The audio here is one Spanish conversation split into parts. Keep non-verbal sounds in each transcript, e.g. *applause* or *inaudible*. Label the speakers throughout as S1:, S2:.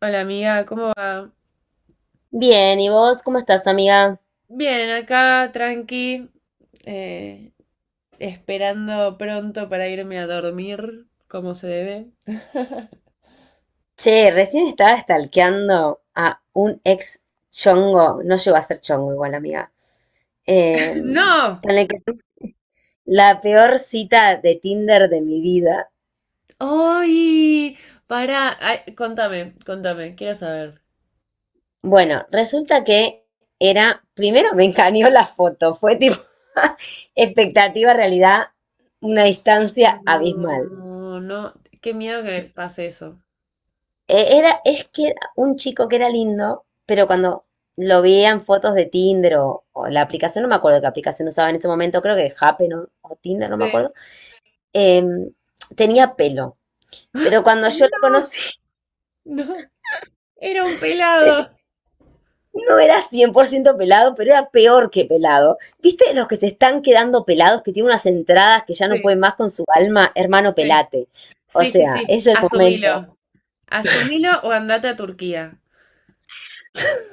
S1: Hola amiga, ¿cómo va?
S2: Bien, ¿y vos cómo estás, amiga?
S1: Bien, acá tranqui, eh, esperando pronto para irme a dormir, como se debe. *laughs*
S2: Che, recién estaba stalkeando a un ex chongo, no llegó a ser chongo igual, amiga, eh,
S1: No,
S2: con el que tuve la peor cita de Tinder de mi vida.
S1: ¡ay! Para, contame, quiero saber.
S2: Bueno, resulta que era, primero me engañó la foto, fue tipo *laughs* expectativa, realidad, una distancia abismal.
S1: No, no, qué miedo que pase eso.
S2: Era, es que era un chico que era lindo, pero cuando lo veía en fotos de Tinder o la aplicación, no me acuerdo qué aplicación usaba en ese momento, creo que Happen o Tinder, no
S1: Sí,
S2: me acuerdo, em, tenía pelo. Pero cuando yo lo
S1: no,
S2: conocí,
S1: no, era un
S2: *laughs*
S1: pelado.
S2: no era 100% pelado, pero era peor que pelado. ¿Viste los que se están quedando pelados, que tienen unas entradas que ya no
S1: Sí,
S2: pueden más con su alma? Hermano,
S1: sí,
S2: pelate. O
S1: sí, sí,
S2: sea,
S1: sí,
S2: es el momento.
S1: asumilo. Asumilo o andate a Turquía.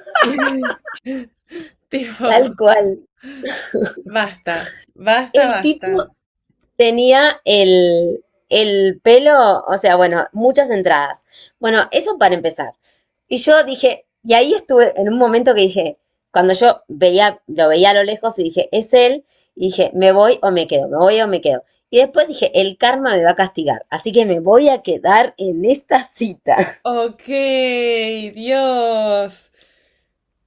S1: *laughs* Y-
S2: Tal
S1: tipo.
S2: cual.
S1: Basta, basta,
S2: El
S1: basta.
S2: tipo tenía el pelo, o sea, bueno, muchas entradas. Bueno, eso para empezar. Y yo dije, y ahí estuve en un momento que dije, cuando yo veía, lo veía a lo lejos y dije, es él, y dije, me voy o me quedo, me voy o me quedo. Y después dije, el karma me va a castigar, así que me voy a quedar en esta cita.
S1: Ok, Dios.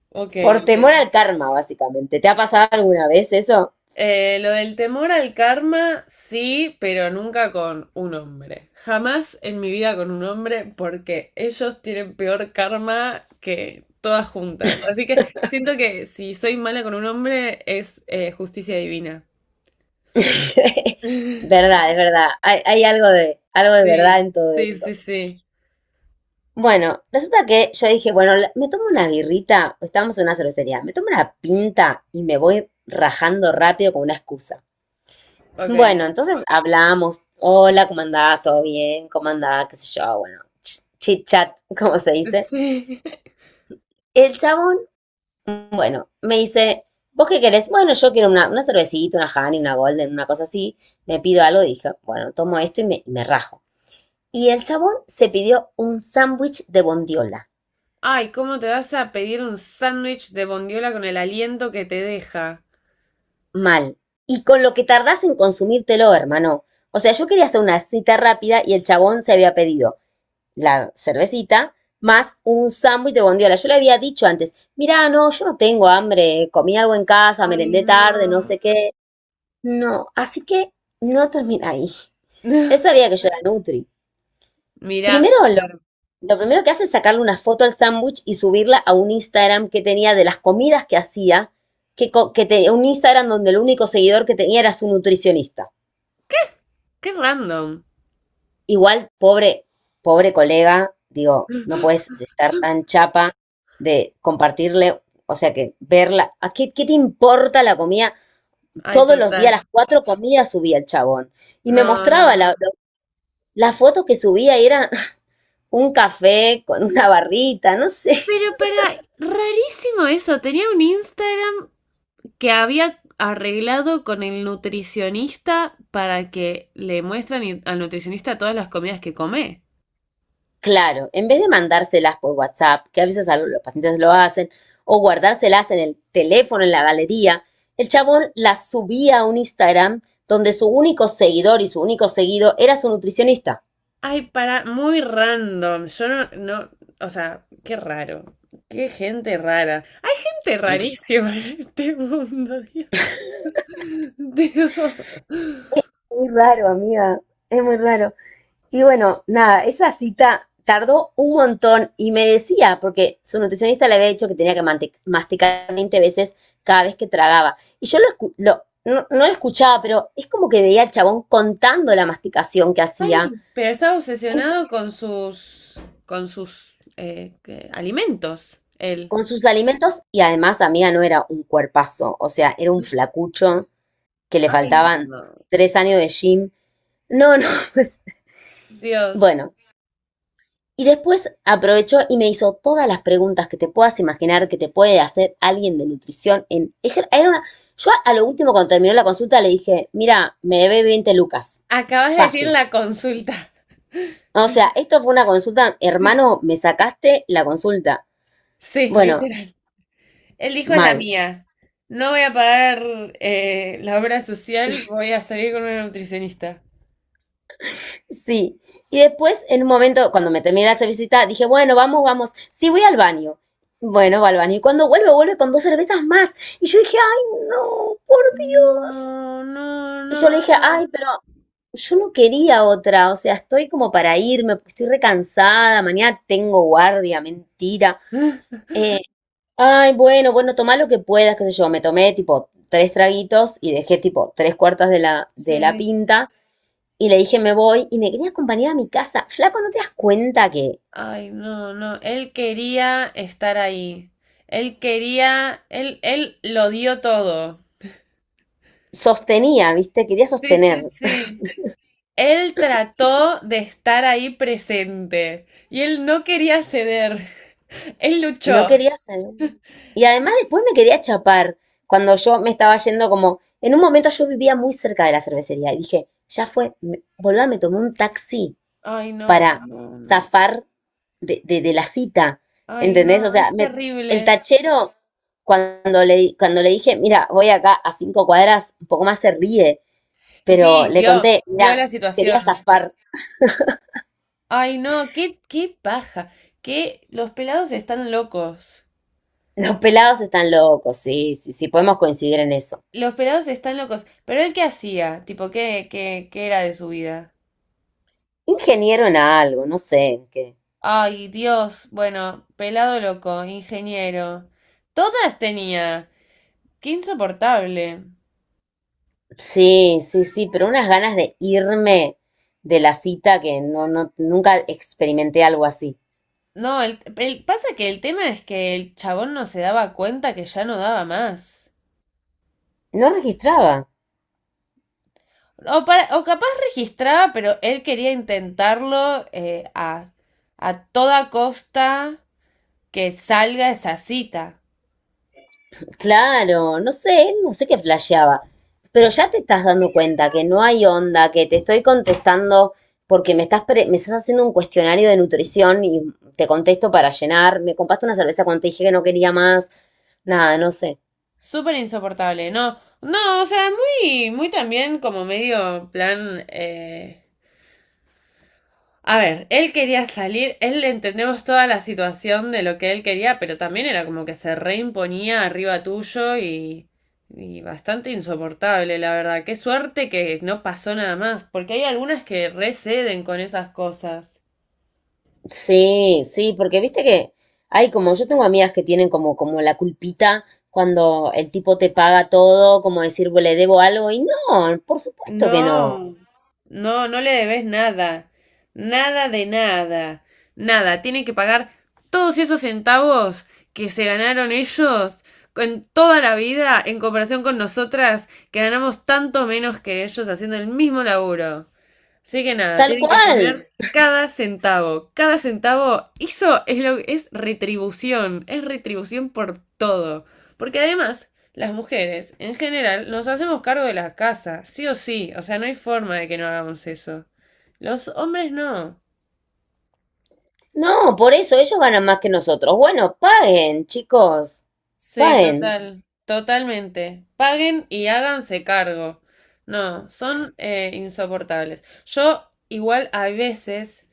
S1: Ok,
S2: Por
S1: ok.
S2: temor al karma, básicamente. ¿Te ha pasado alguna vez eso?
S1: Lo del temor al karma, sí, pero nunca con un hombre. Jamás en mi vida con un hombre porque ellos tienen peor karma que todas juntas. Así que siento que si soy mala con un hombre es justicia divina.
S2: *laughs*
S1: *laughs*
S2: Verdad, es verdad. Hay algo de verdad
S1: Sí,
S2: en todo
S1: sí, sí,
S2: eso.
S1: sí.
S2: Bueno, resulta que yo dije, bueno, me tomo una birrita, estábamos en una cervecería, me tomo una pinta y me voy rajando rápido con una excusa. *laughs*
S1: Ok.
S2: Bueno, entonces hablamos, hola, ¿cómo andás? ¿Todo bien? ¿Cómo andás? ¿Qué sé yo? Bueno, chit chat, *laughs* como se
S1: *laughs*
S2: dice.
S1: Sí.
S2: El chabón, bueno, me dice, ¿vos qué querés? Bueno, yo quiero una cervecita, una Honey, una Golden, una cosa así. Me pido algo, dije, bueno, tomo esto y me rajo. Y el chabón se pidió un sándwich de bondiola.
S1: Ay, ¿cómo te vas a pedir un sándwich de bondiola con el aliento que te deja?
S2: Mal. Y con lo que tardás en consumírtelo, hermano. O sea, yo quería hacer una cita rápida y el chabón se había pedido la cervecita más un sándwich de bondiola. Yo le había dicho antes, mirá, no, yo no tengo hambre, comí algo en casa,
S1: Ay,
S2: merendé tarde, no
S1: no.
S2: sé qué. No, así que no termina ahí. Él
S1: *laughs*
S2: sabía que yo era Nutri.
S1: Mirá,
S2: Primero,
S1: pero
S2: lo primero que hace es sacarle una foto al sándwich y subirla a un Instagram que tenía de las comidas que hacía, que, que tenía un Instagram donde el único seguidor que tenía era su nutricionista.
S1: qué random.
S2: Igual, pobre, pobre colega, digo, no puedes estar tan chapa de compartirle, o sea, que verla. ¿A qué, qué te importa la comida?
S1: Ay,
S2: Todos los días, las
S1: total.
S2: cuatro comidas subía el chabón. Y me
S1: No, no,
S2: mostraba
S1: no.
S2: la foto que subía y era *laughs* un café con una barrita, no sé.
S1: Pero para, rarísimo eso. Tenía un Instagram que había arreglado con el nutricionista para que le muestran y- al nutricionista todas las comidas que come.
S2: Claro, en vez de mandárselas por WhatsApp, que a veces los pacientes lo hacen, o guardárselas en el teléfono, en la galería, el chabón las subía a un Instagram donde su único seguidor y su único seguido era su nutricionista.
S1: Ay, para, muy random. Yo no, no, o sea, qué raro. Qué gente rara. Hay gente
S2: Mm.
S1: rarísima en este mundo, Dios. *laughs* Digo,
S2: Muy raro, amiga, es muy raro. Y bueno, nada, esa cita tardó un montón y me decía, porque su nutricionista le había dicho que tenía que masticar 20 veces cada vez que tragaba. Y yo no, no lo escuchaba, pero es como que veía al chabón contando la masticación que hacía
S1: ay, pero está obsesionado con sus ¿qué? Alimentos, él.
S2: con sus alimentos y además, amiga, no era un cuerpazo, o sea, era un flacucho que le
S1: Ay, no,
S2: faltaban
S1: no.
S2: 3 años de gym. No, no, *laughs*
S1: Dios.
S2: bueno. Y después aprovechó y me hizo todas las preguntas que te puedas imaginar que te puede hacer alguien de nutrición en era una- yo a lo último cuando terminó la consulta le dije, mira, me debe 20 lucas.
S1: Acabas de decir
S2: Fácil.
S1: la consulta. *laughs*
S2: O sea, esto fue una consulta,
S1: Sí,
S2: hermano, me sacaste la consulta.
S1: sí,
S2: Bueno,
S1: literal. El hijo es la
S2: mal.
S1: mía. No voy a pagar la obra social, voy a salir con una nutricionista.
S2: Sí. Y después, en un momento, cuando me terminé de visita, dije, bueno, vamos, vamos. Sí, voy al baño. Bueno, va al baño. Y cuando vuelve, vuelve con dos cervezas más. Y yo dije, ay, no, por Dios.
S1: No, no,
S2: Y yo
S1: no,
S2: le dije, ay, pero yo no quería otra, o sea, estoy como para irme, porque estoy recansada, mañana tengo guardia, mentira.
S1: no. *gasps*
S2: Eh, ay, bueno, bueno, tomá lo que puedas, qué sé yo, me tomé tipo tres traguitos y dejé tipo tres cuartas de de la
S1: Sí.
S2: pinta y le dije me voy y me quería acompañar a mi casa. Flaco, ¿no te das cuenta que
S1: Ay, no, no. Él quería estar ahí. Él quería, él lo dio todo.
S2: sostenía, viste? Quería
S1: Sí, sí,
S2: sostener,
S1: sí. Él trató de estar ahí presente y él no quería ceder. Él luchó.
S2: no quería salir. Y además después me quería chapar cuando yo me estaba yendo como, en un momento yo vivía muy cerca de la cervecería y dije, ya fue, me, boluda, me tomé un taxi
S1: Ay, no,
S2: para
S1: no, no.
S2: zafar de la cita,
S1: Ay,
S2: ¿entendés? O
S1: no,
S2: sea,
S1: es
S2: el
S1: terrible.
S2: tachero, cuando cuando le dije, mira, voy acá a 5 cuadras, un poco más se ríe,
S1: Y
S2: pero
S1: sí,
S2: le
S1: vio,
S2: conté,
S1: vio
S2: mira,
S1: la
S2: quería
S1: situación.
S2: zafar,
S1: Ay, no, qué, qué paja. Que los pelados están locos.
S2: los pelados están locos, sí, sí, sí, podemos coincidir en eso.
S1: Los pelados están locos. Pero él qué hacía, tipo, qué, qué, qué era de su vida.
S2: Ingeniero en algo, no sé en qué.
S1: Ay, Dios, bueno, pelado loco, ingeniero. Todas tenía. Qué insoportable.
S2: Sí, sí, sí, pero unas ganas de irme de la cita que no, no, nunca experimenté algo así.
S1: No, pasa que el tema es que el chabón no se daba cuenta que ya no daba más.
S2: No registraba.
S1: O, para- o capaz registraba, pero él quería intentarlo a toda costa que salga esa cita.
S2: Claro, no sé, no sé qué flasheaba. Pero ya te estás dando cuenta que no hay onda, que te estoy contestando porque me estás, me estás haciendo un cuestionario de nutrición y te contesto para llenar. Me compraste una cerveza cuando te dije que no quería más. Nada, no sé.
S1: Súper insoportable, ¿no? No, o sea, muy, muy también como medio plan a ver, él quería salir, él entendemos toda la situación de lo que él quería, pero también era como que se reimponía arriba tuyo y bastante insoportable, la verdad. Qué suerte que no pasó nada más, porque hay algunas que receden con esas cosas.
S2: Sí, sí, porque viste que hay como, yo tengo amigas que tienen como, como la culpita cuando el tipo te paga todo, como decir, "Bueno, le debo algo", y no, por supuesto que no,
S1: No, no, no le debes nada, nada de nada, nada. Tienen que pagar todos esos centavos que se ganaron ellos en toda la vida en comparación con nosotras que ganamos tanto menos que ellos haciendo el mismo laburo. Así que nada,
S2: tal
S1: tienen que
S2: cual,
S1: poner cada centavo. Cada centavo, eso es lo es retribución por todo. Porque además, las mujeres, en general, nos hacemos cargo de la casa, sí o sí. O sea, no hay forma de que no hagamos eso. Los hombres no.
S2: no, por eso ellos ganan más que nosotros. Bueno, paguen, chicos,
S1: Sí,
S2: paguen.
S1: total, totalmente. Paguen y háganse cargo. No, son insoportables. Yo igual a veces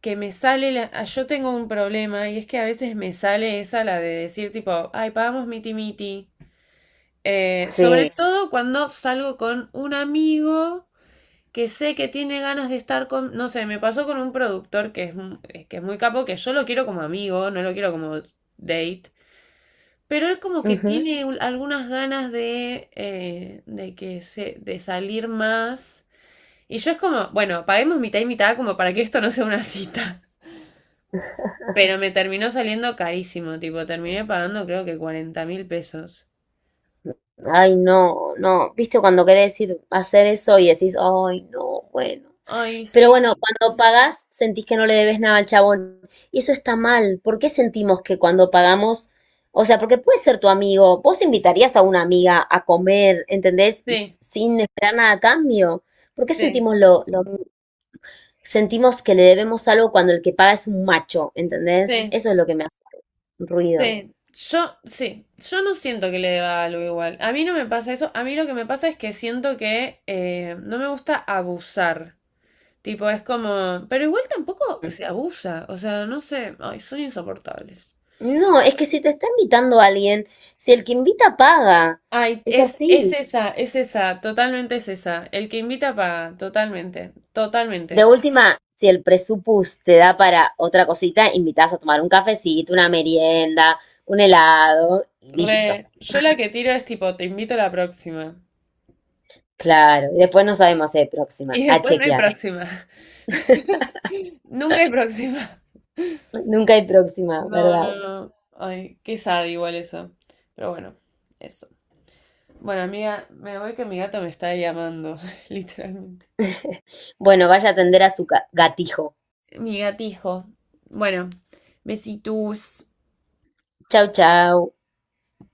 S1: que me sale la... Ah, yo tengo un problema y es que a veces me sale esa la de decir tipo, ay, pagamos miti miti. Sobre
S2: Sí.
S1: todo cuando salgo con un amigo que sé que tiene ganas de estar con, no sé, me pasó con un productor que es, mu- que es muy capo, que yo lo quiero como amigo, no lo quiero como date. Pero él como que tiene un- algunas ganas de que se, de salir más. Y yo es como, bueno, paguemos mitad y mitad como para que esto no sea una cita. Pero me terminó saliendo carísimo, tipo, terminé pagando creo que 40.000 pesos.
S2: Ay, no, no, viste cuando querés decir hacer eso y decís, ay, no, bueno.
S1: Ay,
S2: Pero
S1: sí,
S2: bueno, cuando pagás sentís que no le debes nada al chabón. Y eso está mal. ¿Por qué sentimos que cuando pagamos, o sea, porque puede ser tu amigo, vos invitarías a una amiga a comer, ¿entendés? Y
S1: sí,
S2: sin esperar nada a cambio. ¿Por qué
S1: sí,
S2: sentimos sentimos que le debemos algo cuando el que paga es un macho, ¿entendés?
S1: sí,
S2: Eso es lo que me hace ruido.
S1: sí. Yo, sí, yo no siento que le deba algo igual. A mí no me pasa eso. A mí lo que me pasa es que siento que no me gusta abusar. Tipo, es como, pero igual tampoco se abusa, o sea, no sé, ay, son insoportables.
S2: No, es que si te está invitando alguien, si el que invita paga,
S1: Ay,
S2: es así.
S1: es esa, totalmente es esa. El que invita paga, totalmente,
S2: De
S1: totalmente.
S2: última, si el presupuesto te da para otra cosita, invitas a tomar un cafecito, una merienda, un helado y listo.
S1: Re, yo la que tiro es tipo, te invito a la próxima.
S2: Claro, y después no sabemos si hay próxima,
S1: Y
S2: a
S1: después no hay
S2: chequear.
S1: próxima. *laughs* Nunca hay próxima.
S2: Nunca hay próxima,
S1: No,
S2: ¿verdad?
S1: no, no. Ay, qué sad igual eso. Pero bueno, eso. Bueno, amiga, me voy que mi gato me está llamando, *laughs* literalmente.
S2: Bueno, vaya a atender a su gatijo.
S1: Mi gatijo. Bueno, besitos.
S2: Chau, chau.